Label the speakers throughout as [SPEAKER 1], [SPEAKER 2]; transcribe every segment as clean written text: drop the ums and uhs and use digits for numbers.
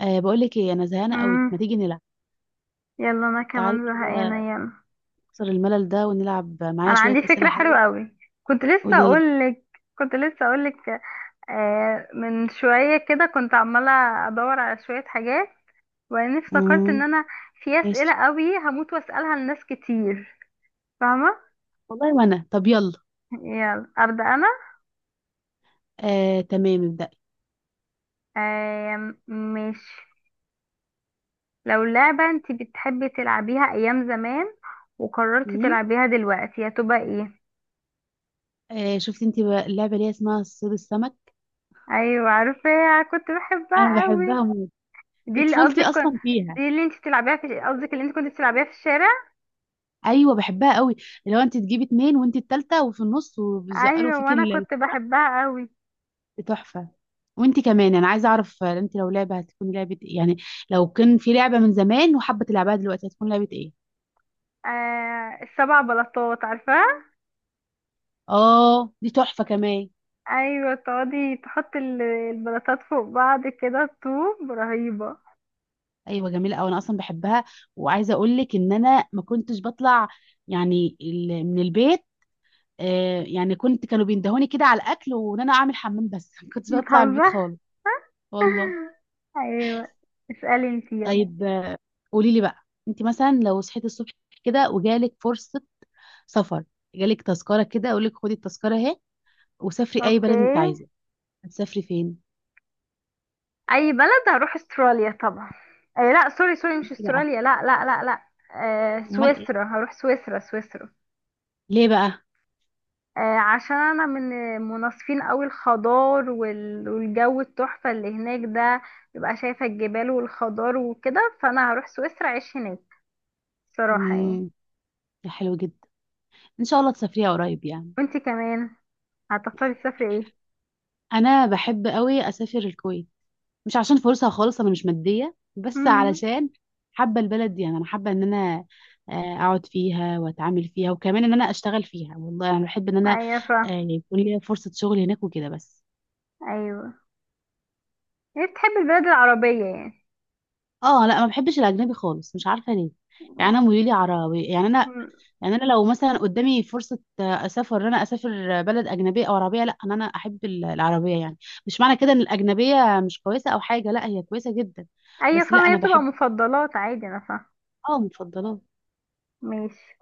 [SPEAKER 1] بقول لك ايه، انا زهقانه قوي، ما
[SPEAKER 2] امم
[SPEAKER 1] تيجي نلعب؟
[SPEAKER 2] يلا انا
[SPEAKER 1] تعالي
[SPEAKER 2] كمان
[SPEAKER 1] كده،
[SPEAKER 2] زهقانه. يلا
[SPEAKER 1] نكسر الملل ده ونلعب معايا
[SPEAKER 2] انا
[SPEAKER 1] شويه
[SPEAKER 2] عندي
[SPEAKER 1] اسئله
[SPEAKER 2] فكره
[SPEAKER 1] حلوه.
[SPEAKER 2] حلوه قوي. كنت لسه
[SPEAKER 1] قولي لي.
[SPEAKER 2] اقول لك كنت لسه اقول لك. من شويه كده كنت عماله ادور على شويه حاجات، وبعدين افتكرت ان
[SPEAKER 1] امم.
[SPEAKER 2] انا في اسئله
[SPEAKER 1] ماشي.
[SPEAKER 2] قوي هموت واسالها لناس كتير، فاهمه؟
[SPEAKER 1] والله وانا، طب يلا.
[SPEAKER 2] يلا ابدا انا.
[SPEAKER 1] أه، تمام ابدأي.
[SPEAKER 2] ماشي، لو لعبه انت بتحبي تلعبيها ايام زمان وقررتي
[SPEAKER 1] امم.
[SPEAKER 2] تلعبيها دلوقتي هتبقى ايه؟
[SPEAKER 1] أه، شفتي انت بقى اللعبه اللي هي اسمها صيد السمك؟
[SPEAKER 2] ايوه عارفه، كنت
[SPEAKER 1] انا
[SPEAKER 2] بحبها قوي.
[SPEAKER 1] بحبها موت،
[SPEAKER 2] دي
[SPEAKER 1] دي
[SPEAKER 2] اللي
[SPEAKER 1] طفولتي
[SPEAKER 2] قصدك كن-
[SPEAKER 1] اصلا فيها.
[SPEAKER 2] دي اللي انت بتلعبيها في قصدك، اللي انت كنت بتلعبيها في الشارع؟
[SPEAKER 1] ايوه بحبها قوي، اللي هو انت تجيبي اتنين وانت التالته وفي النص وبيزقلوا
[SPEAKER 2] ايوه
[SPEAKER 1] فيك
[SPEAKER 2] وانا كنت
[SPEAKER 1] الكرة.
[SPEAKER 2] بحبها قوي.
[SPEAKER 1] دي تحفه. وانت كمان، انا عايزه اعرف، انت لو لعبه، هتكون لعبه ايه يعني؟ لو كان في لعبه من زمان وحابه تلعبها دلوقتي، هتكون لعبه ايه؟
[SPEAKER 2] السبع بلاطات عارفاها؟
[SPEAKER 1] اه دي تحفه كمان.
[SPEAKER 2] ايوه تقعدي تحطي البلاطات فوق بعض كده، طوب رهيبه.
[SPEAKER 1] ايوه جميله قوي، انا اصلا بحبها. وعايزه اقول لك ان انا ما كنتش بطلع، يعني من البيت. آه يعني كنت، كانوا بيندهوني كده على الاكل وان انا اعمل حمام بس. ما كنتش بطلع من البيت
[SPEAKER 2] بتهزر؟
[SPEAKER 1] خالص. والله.
[SPEAKER 2] ايوه، اسالي انت يلا.
[SPEAKER 1] طيب، قولي لي بقى. انت مثلا، لو صحيتي الصبح كده وجالك فرصه سفر، جالك تذكره كده، اقول لك خدي التذكره اهي وسافري اي
[SPEAKER 2] اوكي،
[SPEAKER 1] بلد انت عايزه. هتسافري فين؟
[SPEAKER 2] اي بلد؟ هروح استراليا طبعا. لا سوري سوري، مش
[SPEAKER 1] إنتي بقى،
[SPEAKER 2] استراليا، لا لا لا لا.
[SPEAKER 1] امال ايه؟
[SPEAKER 2] سويسرا، هروح سويسرا سويسرا.
[SPEAKER 1] ليه بقى؟
[SPEAKER 2] عشان انا من مناصفين قوي الخضار والجو التحفة اللي هناك ده، ببقى شايفة الجبال والخضار وكده، فانا هروح سويسرا اعيش هناك صراحة يعني.
[SPEAKER 1] امم، حلو جدا. ان شاء الله تسافريها قريب يعني.
[SPEAKER 2] وانتي كمان هتختاري تسافري ايه؟
[SPEAKER 1] انا بحب قوي اسافر الكويت. مش عشان فرصه خالص، انا مش ماديه، بس
[SPEAKER 2] امم
[SPEAKER 1] علشان حابه البلد دي يعني. انا حابه ان انا اقعد فيها واتعامل فيها، وكمان ان انا اشتغل فيها. والله انا بحب ان انا
[SPEAKER 2] ايوه فا.
[SPEAKER 1] يكون لي فرصه شغل هناك وكده بس.
[SPEAKER 2] ايوه هي بتحب البلاد العربية يعني؟
[SPEAKER 1] اه لا، ما بحبش الاجنبي خالص، مش عارفه ليه. يعني انا ميولي عربي يعني انا.
[SPEAKER 2] مم.
[SPEAKER 1] يعني انا لو مثلا قدامي فرصه اسافر، ان انا اسافر بلد اجنبيه او عربيه، لا ان انا احب العربيه يعني. مش معنى كده ان الاجنبيه مش كويسه او حاجه، لا هي كويسه جدا.
[SPEAKER 2] ايوه
[SPEAKER 1] بس لا،
[SPEAKER 2] فاهمة، هي
[SPEAKER 1] انا
[SPEAKER 2] بتبقى
[SPEAKER 1] بحب.
[SPEAKER 2] مفضلات عادي، انا فاهمة.
[SPEAKER 1] اه مفضلات.
[SPEAKER 2] ماشي.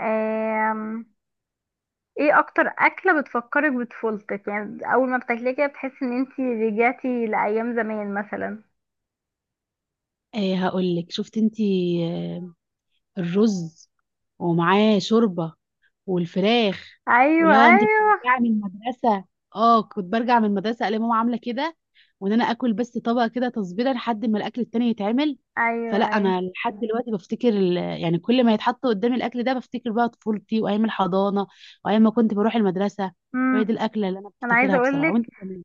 [SPEAKER 2] آم، ايه اكتر اكلة بتفكرك بطفولتك يعني، اول ما بتاكليها كده بتحسي ان انتي رجعتي لايام زمان مثلا؟
[SPEAKER 1] آه هقول لك، شفت انتي، آه الرز ومعاه شوربه والفراخ.
[SPEAKER 2] ايوه
[SPEAKER 1] ولو انت
[SPEAKER 2] ايوه.
[SPEAKER 1] بترجعي من المدرسه، اه كنت برجع من المدرسه الاقي ماما عامله كده، وان انا اكل بس طبق كده تصبيره لحد ما الاكل التاني يتعمل.
[SPEAKER 2] ايوه
[SPEAKER 1] فلا
[SPEAKER 2] ايوه.
[SPEAKER 1] انا لحد دلوقتي بفتكر، يعني كل ما يتحط قدامي الاكل ده بفتكر بقى طفولتي وايام الحضانه وايام ما كنت بروح المدرسه. فهي دي
[SPEAKER 2] امم.
[SPEAKER 1] الاكله اللي انا
[SPEAKER 2] انا عايزه
[SPEAKER 1] بفتكرها
[SPEAKER 2] اقول
[SPEAKER 1] بصراحه. وانت
[SPEAKER 2] لك،
[SPEAKER 1] كمان؟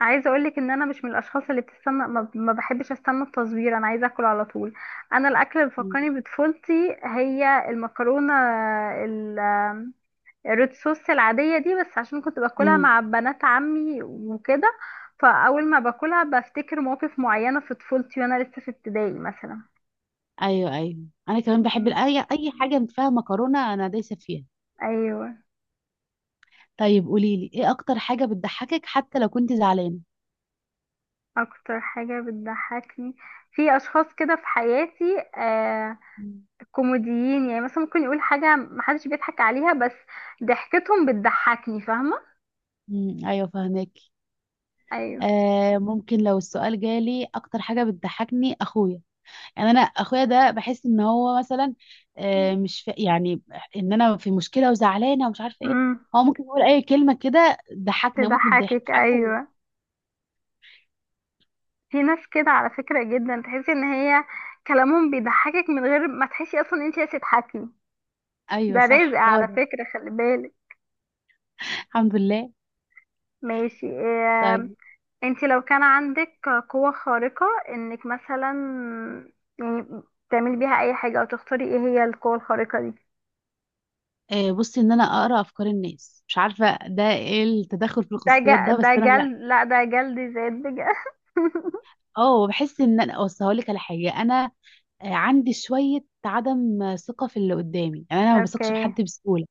[SPEAKER 2] عايزه اقول لك ان انا مش من الاشخاص اللي بتستنى، ما بحبش استنى التصوير، انا عايزه اكل على طول. انا الاكل اللي
[SPEAKER 1] مم.
[SPEAKER 2] بيفكرني بطفولتي هي المكرونه، ال- الريد صوص العاديه دي، بس عشان كنت باكلها
[SPEAKER 1] مم.
[SPEAKER 2] مع بنات عمي وكده، فاول ما باكلها بفتكر مواقف معينه في طفولتي وانا لسه في ابتدائي مثلا.
[SPEAKER 1] ايوه، ايوه. انا كمان بحب
[SPEAKER 2] مم.
[SPEAKER 1] اي حاجه فيها مكرونه، انا دايسه فيها.
[SPEAKER 2] ايوه.
[SPEAKER 1] طيب قولي لي، ايه اكتر حاجه بتضحكك حتى لو كنت زعلانه؟
[SPEAKER 2] اكتر حاجه بتضحكني، في اشخاص كده في حياتي،
[SPEAKER 1] مم.
[SPEAKER 2] كوميديين، يعني مثلا ممكن يقول حاجة محدش بيضحك عليها، بس ضحكتهم بتضحكني، فاهمة؟
[SPEAKER 1] امم، ايوه فهمك.
[SPEAKER 2] ايوه.
[SPEAKER 1] آه ممكن لو السؤال جالي، اكتر حاجه بتضحكني اخويا. يعني انا اخويا ده بحس ان هو مثلا، آه مش في يعني، ان انا في مشكله وزعلانه ومش عارفه ايه.
[SPEAKER 2] امم.
[SPEAKER 1] هو ممكن يقول اي كلمه كده ضحكني اموت من الضحك، مش
[SPEAKER 2] تضحكك،
[SPEAKER 1] عارفه ليه.
[SPEAKER 2] ايوه. في ناس كده على فكرة جدا، تحسي ان هي كلامهم بيضحكك من غير ما تحسي اصلا ان انت عايزة تضحكي.
[SPEAKER 1] ايوه
[SPEAKER 2] ده رزق
[SPEAKER 1] صح، هو
[SPEAKER 2] على
[SPEAKER 1] ده.
[SPEAKER 2] فكرة، خلي بالك.
[SPEAKER 1] الحمد لله.
[SPEAKER 2] ماشي، إيه؟
[SPEAKER 1] طيب،
[SPEAKER 2] انت لو كان عندك قوة خارقة انك مثلا يعني تعملي بيها اي حاجة، او تختاري ايه هي القوة الخارقة دي؟
[SPEAKER 1] بصي، ان انا اقرا افكار الناس، مش عارفه ده ايه، التدخل في
[SPEAKER 2] ده ج...
[SPEAKER 1] الخصوصيات ده،
[SPEAKER 2] ده
[SPEAKER 1] بس انا لا.
[SPEAKER 2] جلد، لا ده جلد زاد بجد.
[SPEAKER 1] اه بحس ان انا، اصل هقول لك على حاجه، انا عندي شويه عدم ثقه في اللي قدامي، يعني انا ما بثقش في
[SPEAKER 2] اوكي.
[SPEAKER 1] حد بسهوله.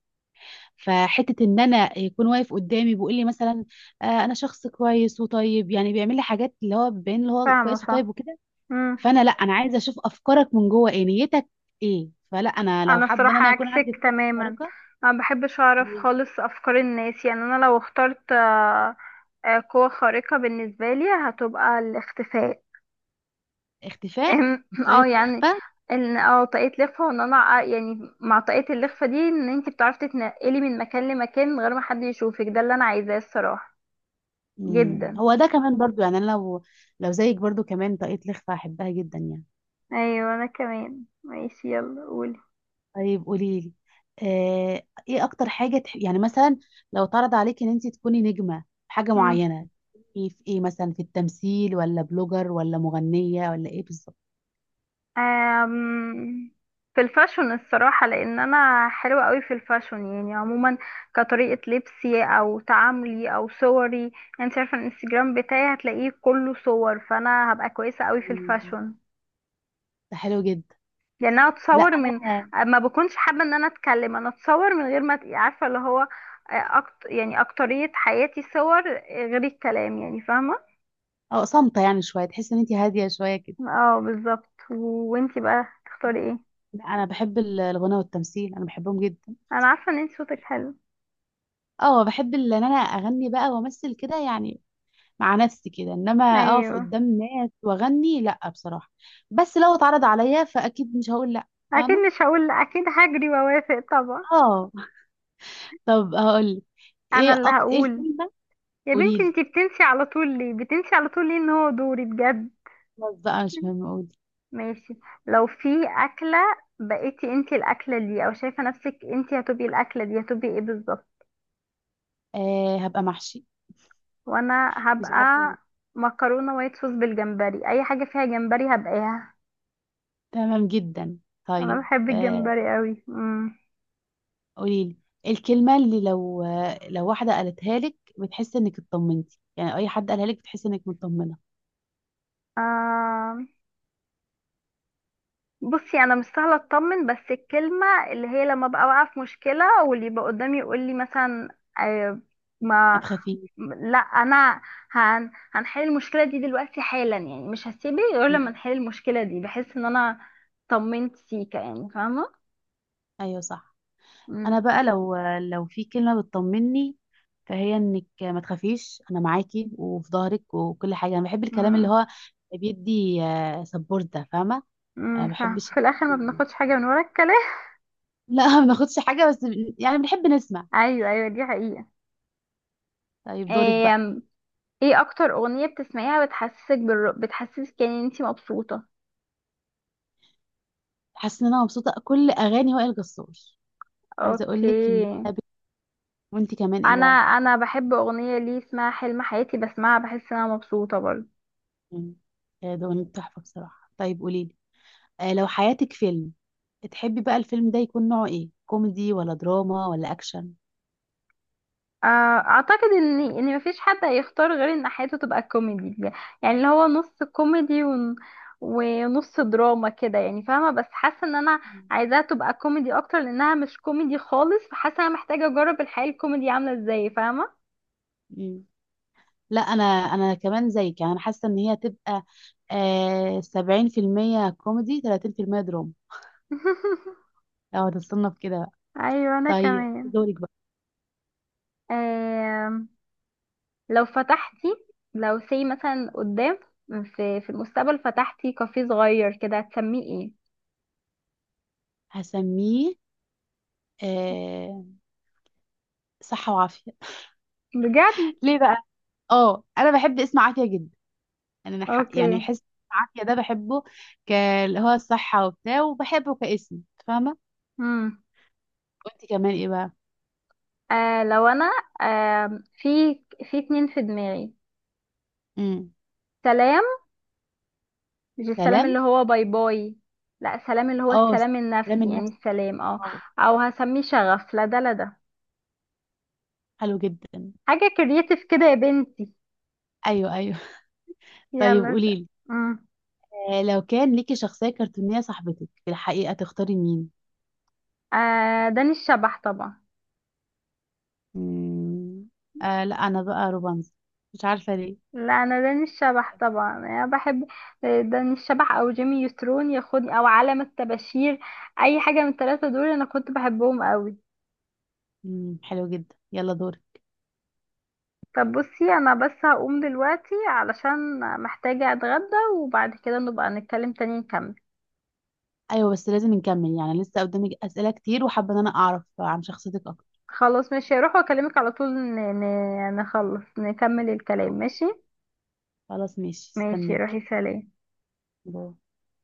[SPEAKER 1] فحته ان انا يكون واقف قدامي بيقول لي مثلا انا شخص كويس وطيب، يعني بيعمل لي حاجات اللي هو بين اللي هو
[SPEAKER 2] فاهمة
[SPEAKER 1] كويس وطيب
[SPEAKER 2] فاهمة.
[SPEAKER 1] وكده.
[SPEAKER 2] مم.
[SPEAKER 1] فانا لا، انا عايزه اشوف افكارك من جوه، ايه نيتك ايه. فلا انا لو
[SPEAKER 2] انا
[SPEAKER 1] حابه ان
[SPEAKER 2] الصراحة
[SPEAKER 1] انا يكون
[SPEAKER 2] عكسك
[SPEAKER 1] عندي قدرة
[SPEAKER 2] تماما،
[SPEAKER 1] خارقه.
[SPEAKER 2] انا مبحبش اعرف خالص افكار الناس، يعني انا لو اخترت قوة خارقة بالنسبة لي هتبقى الاختفاء.
[SPEAKER 1] اختفاء،
[SPEAKER 2] اه
[SPEAKER 1] طريقه
[SPEAKER 2] يعني
[SPEAKER 1] الاخفاء.
[SPEAKER 2] ان اه طاقية لخفة، وان انا يعني مع طاقية اللخفة دي، ان انتي بتعرفي تتنقلي من مكان لمكان من غير ما حد يشوفك، ده اللي انا عايزاه الصراحة.
[SPEAKER 1] مم.
[SPEAKER 2] جدا.
[SPEAKER 1] هو ده كمان برضو، يعني انا لو زيك برضو كمان طاقية لخفة هحبها جدا يعني.
[SPEAKER 2] ايوه انا كمان، ماشي يلا قولي.
[SPEAKER 1] طيب قولي لي، آه، ايه اكتر حاجة يعني مثلا، لو اتعرض عليك ان انت تكوني نجمة في حاجة
[SPEAKER 2] مم.
[SPEAKER 1] معينة، تكوني في ايه مثلا، في التمثيل ولا بلوجر ولا مغنية ولا ايه بالظبط؟
[SPEAKER 2] أم، في الفاشون الصراحة، لأن أنا حلوة قوي في الفاشون يعني عموما، كطريقة لبسي أو تعاملي أو صوري يعني. أنت عارفة الانستجرام بتاعي هتلاقيه كله صور، فأنا هبقى كويسة قوي في
[SPEAKER 1] مم.
[SPEAKER 2] الفاشون.
[SPEAKER 1] ده حلو جدا.
[SPEAKER 2] لأن أنا
[SPEAKER 1] لا
[SPEAKER 2] أتصور من،
[SPEAKER 1] انا،
[SPEAKER 2] ما بكونش حابة إن أنا أتكلم، أنا أتصور من غير ما عارفة اللي هو يعني أكترية حياتي صور، غير الكلام يعني، فاهمة؟
[SPEAKER 1] اه صامتة يعني شوية، تحس ان انت هادية شوية كده.
[SPEAKER 2] اه بالظبط وانتي بقى تختاري ايه؟
[SPEAKER 1] لا انا بحب الغنى والتمثيل، انا بحبهم جدا.
[SPEAKER 2] أنا عارفة إن انتي صوتك حلو.
[SPEAKER 1] اه بحب ان انا اغني بقى وامثل كده يعني، مع نفسي كده، انما اقف
[SPEAKER 2] أيوه.
[SPEAKER 1] قدام ناس واغني لا بصراحه. بس لو اتعرض عليا فاكيد مش هقول لا.
[SPEAKER 2] اكيد
[SPEAKER 1] فاهمه.
[SPEAKER 2] مش هقول لأ، اكيد هجري واوافق طبعا.
[SPEAKER 1] اه طب هقول،
[SPEAKER 2] انا
[SPEAKER 1] ايه
[SPEAKER 2] اللي
[SPEAKER 1] ايه
[SPEAKER 2] هقول،
[SPEAKER 1] الكلمه.
[SPEAKER 2] يا
[SPEAKER 1] قولي
[SPEAKER 2] بنتي
[SPEAKER 1] لي.
[SPEAKER 2] انتي بتنسي على طول ليه، بتنسي على طول ليه ان هو دوري بجد.
[SPEAKER 1] خلاص بقى، مش مهم، قولي.
[SPEAKER 2] ماشي. لو في اكله بقيتي انتي الاكله دي، او شايفه نفسك انتي هتبقي الاكله دي، هتبقي ايه بالظبط؟
[SPEAKER 1] آه هبقى محشي،
[SPEAKER 2] وانا
[SPEAKER 1] مش عارفه
[SPEAKER 2] هبقى
[SPEAKER 1] ليه.
[SPEAKER 2] مكرونه وايت صوص بالجمبري، اي حاجه فيها جمبري هبقاها.
[SPEAKER 1] تمام جدا.
[SPEAKER 2] انا
[SPEAKER 1] طيب
[SPEAKER 2] بحب الجمبري قوي.
[SPEAKER 1] قولي لي، الكلمه اللي لو واحده قالتها لك بتحس انك اطمنتي، يعني اي حد قالها لك بتحس انك مطمنه.
[SPEAKER 2] امم. بصي انا مش سهله اطمن، بس الكلمه اللي هي لما ببقى واقعه في مشكله، واللي يبقى قدامي يقول لي مثلا
[SPEAKER 1] ما
[SPEAKER 2] ما،
[SPEAKER 1] تخافيش.
[SPEAKER 2] لا انا هنحل المشكله دي دلوقتي حالا، يعني مش هسيبه غير لما
[SPEAKER 1] مم.
[SPEAKER 2] نحل المشكله دي، بحس ان انا طمنت سيكا يعني، فاهمه؟
[SPEAKER 1] ايوه صح. انا
[SPEAKER 2] امم.
[SPEAKER 1] بقى، لو في كلمه بتطمني، فهي انك ما تخافيش، انا معاكي وفي ظهرك وكل حاجه. انا بحب الكلام اللي
[SPEAKER 2] امم.
[SPEAKER 1] هو بيدي سبورت ده، فاهمه؟ انا ما
[SPEAKER 2] فاهمة.
[SPEAKER 1] بحبش.
[SPEAKER 2] في الاخر ما بناخدش حاجه من ورا الكلام.
[SPEAKER 1] لا، ما ناخدش حاجه بس، يعني بنحب نسمع.
[SPEAKER 2] ايوه ايوه دي حقيقه.
[SPEAKER 1] طيب دورك
[SPEAKER 2] ايه؟
[SPEAKER 1] بقى.
[SPEAKER 2] ايه اكتر اغنيه بتسمعيها بتحسسك يعني ان انتي مبسوطه؟
[SPEAKER 1] حاسه ان انا مبسوطه، كل اغاني وائل جسار. عايزه اقول لك
[SPEAKER 2] اوكي.
[SPEAKER 1] ان أنا وانت كمان ايه
[SPEAKER 2] انا
[SPEAKER 1] بقى؟
[SPEAKER 2] انا بحب اغنيه ليه اسمها حلم حياتي، بسمعها بحس ان انا مبسوطه برضه.
[SPEAKER 1] مم. ده أغنية تحفه بصراحه. طيب قولي لي، لو حياتك فيلم، تحبي بقى الفيلم ده يكون نوعه ايه، كوميدي ولا دراما ولا اكشن؟
[SPEAKER 2] آه، اعتقد ان ان مفيش حد هيختار غير ان حياته تبقى كوميدي، يعني اللي هو نص كوميدي ونص دراما كده يعني، فاهمه؟ بس حاسه ان انا عايزاها تبقى كوميدي اكتر، لانها مش كوميدي خالص، فحاسه انا محتاجه اجرب الحياه الكوميدي عامله ازاي، فاهمه؟
[SPEAKER 1] مم. لا انا كمان زيك، يعني انا حاسه ان هي تبقى 70% كوميدي، 30% دراما. لو هتتصنف كده بقى.
[SPEAKER 2] ايوه انا
[SPEAKER 1] طيب دورك بقى.
[SPEAKER 2] كمان. لو فتحتي، لو سي مثلا قدام، في في المستقبل، فتحتي كافيه صغير كده هتسميه ايه؟
[SPEAKER 1] هسميه آه صحة وعافية.
[SPEAKER 2] بجد؟
[SPEAKER 1] ليه بقى؟ اه انا بحب اسم عافية جدا، يعني انا
[SPEAKER 2] اوكي.
[SPEAKER 1] يعني حس عافية ده بحبه، ك- اللي هو الصحة وبتاع، وبحبه كاسم، فاهمة؟
[SPEAKER 2] امم.
[SPEAKER 1] وانت كمان ايه بقى؟
[SPEAKER 2] لو انا، في في اتنين في دماغي.
[SPEAKER 1] امم،
[SPEAKER 2] سلام، مش السلام
[SPEAKER 1] سلام.
[SPEAKER 2] اللي هو باي باي، لا سلام اللي هو
[SPEAKER 1] اه،
[SPEAKER 2] السلام
[SPEAKER 1] سلام
[SPEAKER 2] النفسي، يعني
[SPEAKER 1] النفسي.
[SPEAKER 2] السلام، اه.
[SPEAKER 1] اه
[SPEAKER 2] او هسميه شغف، لا ده، لا ده
[SPEAKER 1] حلو جدا.
[SPEAKER 2] حاجة كرياتيف كده يا بنتي.
[SPEAKER 1] ايوه، ايوه. طيب
[SPEAKER 2] يلا س-
[SPEAKER 1] قوليلي،
[SPEAKER 2] امم.
[SPEAKER 1] لو كان ليكي شخصية كرتونية صاحبتك في الحقيقة تختاري مين؟
[SPEAKER 2] داني الشبح طبعا.
[SPEAKER 1] مم. آه لا، أنا بقى روبانز، مش عارفة ليه.
[SPEAKER 2] لا انا داني الشبح طبعا، انا بحب داني الشبح او جيمي نيوترون ياخدني او عالم الطباشير، اي حاجه من الثلاثه دول انا كنت بحبهم قوي.
[SPEAKER 1] مم، حلو جدا، يلا دوري.
[SPEAKER 2] طب بصي انا بس هقوم دلوقتي علشان محتاجه اتغدى، وبعد كده نبقى نتكلم تاني نكمل.
[SPEAKER 1] أيوة، بس لازم نكمل يعني، لسه قدامي أسئلة كتير وحابة إن أنا أعرف عن شخصيتك أكتر.
[SPEAKER 2] خلاص ماشي، هروح واكلمك على طول، نخلص نكمل الكلام،
[SPEAKER 1] أوكي.
[SPEAKER 2] ماشي؟
[SPEAKER 1] خلاص ماشي،
[SPEAKER 2] ماشي
[SPEAKER 1] استناكي.
[SPEAKER 2] روحي، سلام.
[SPEAKER 1] باي.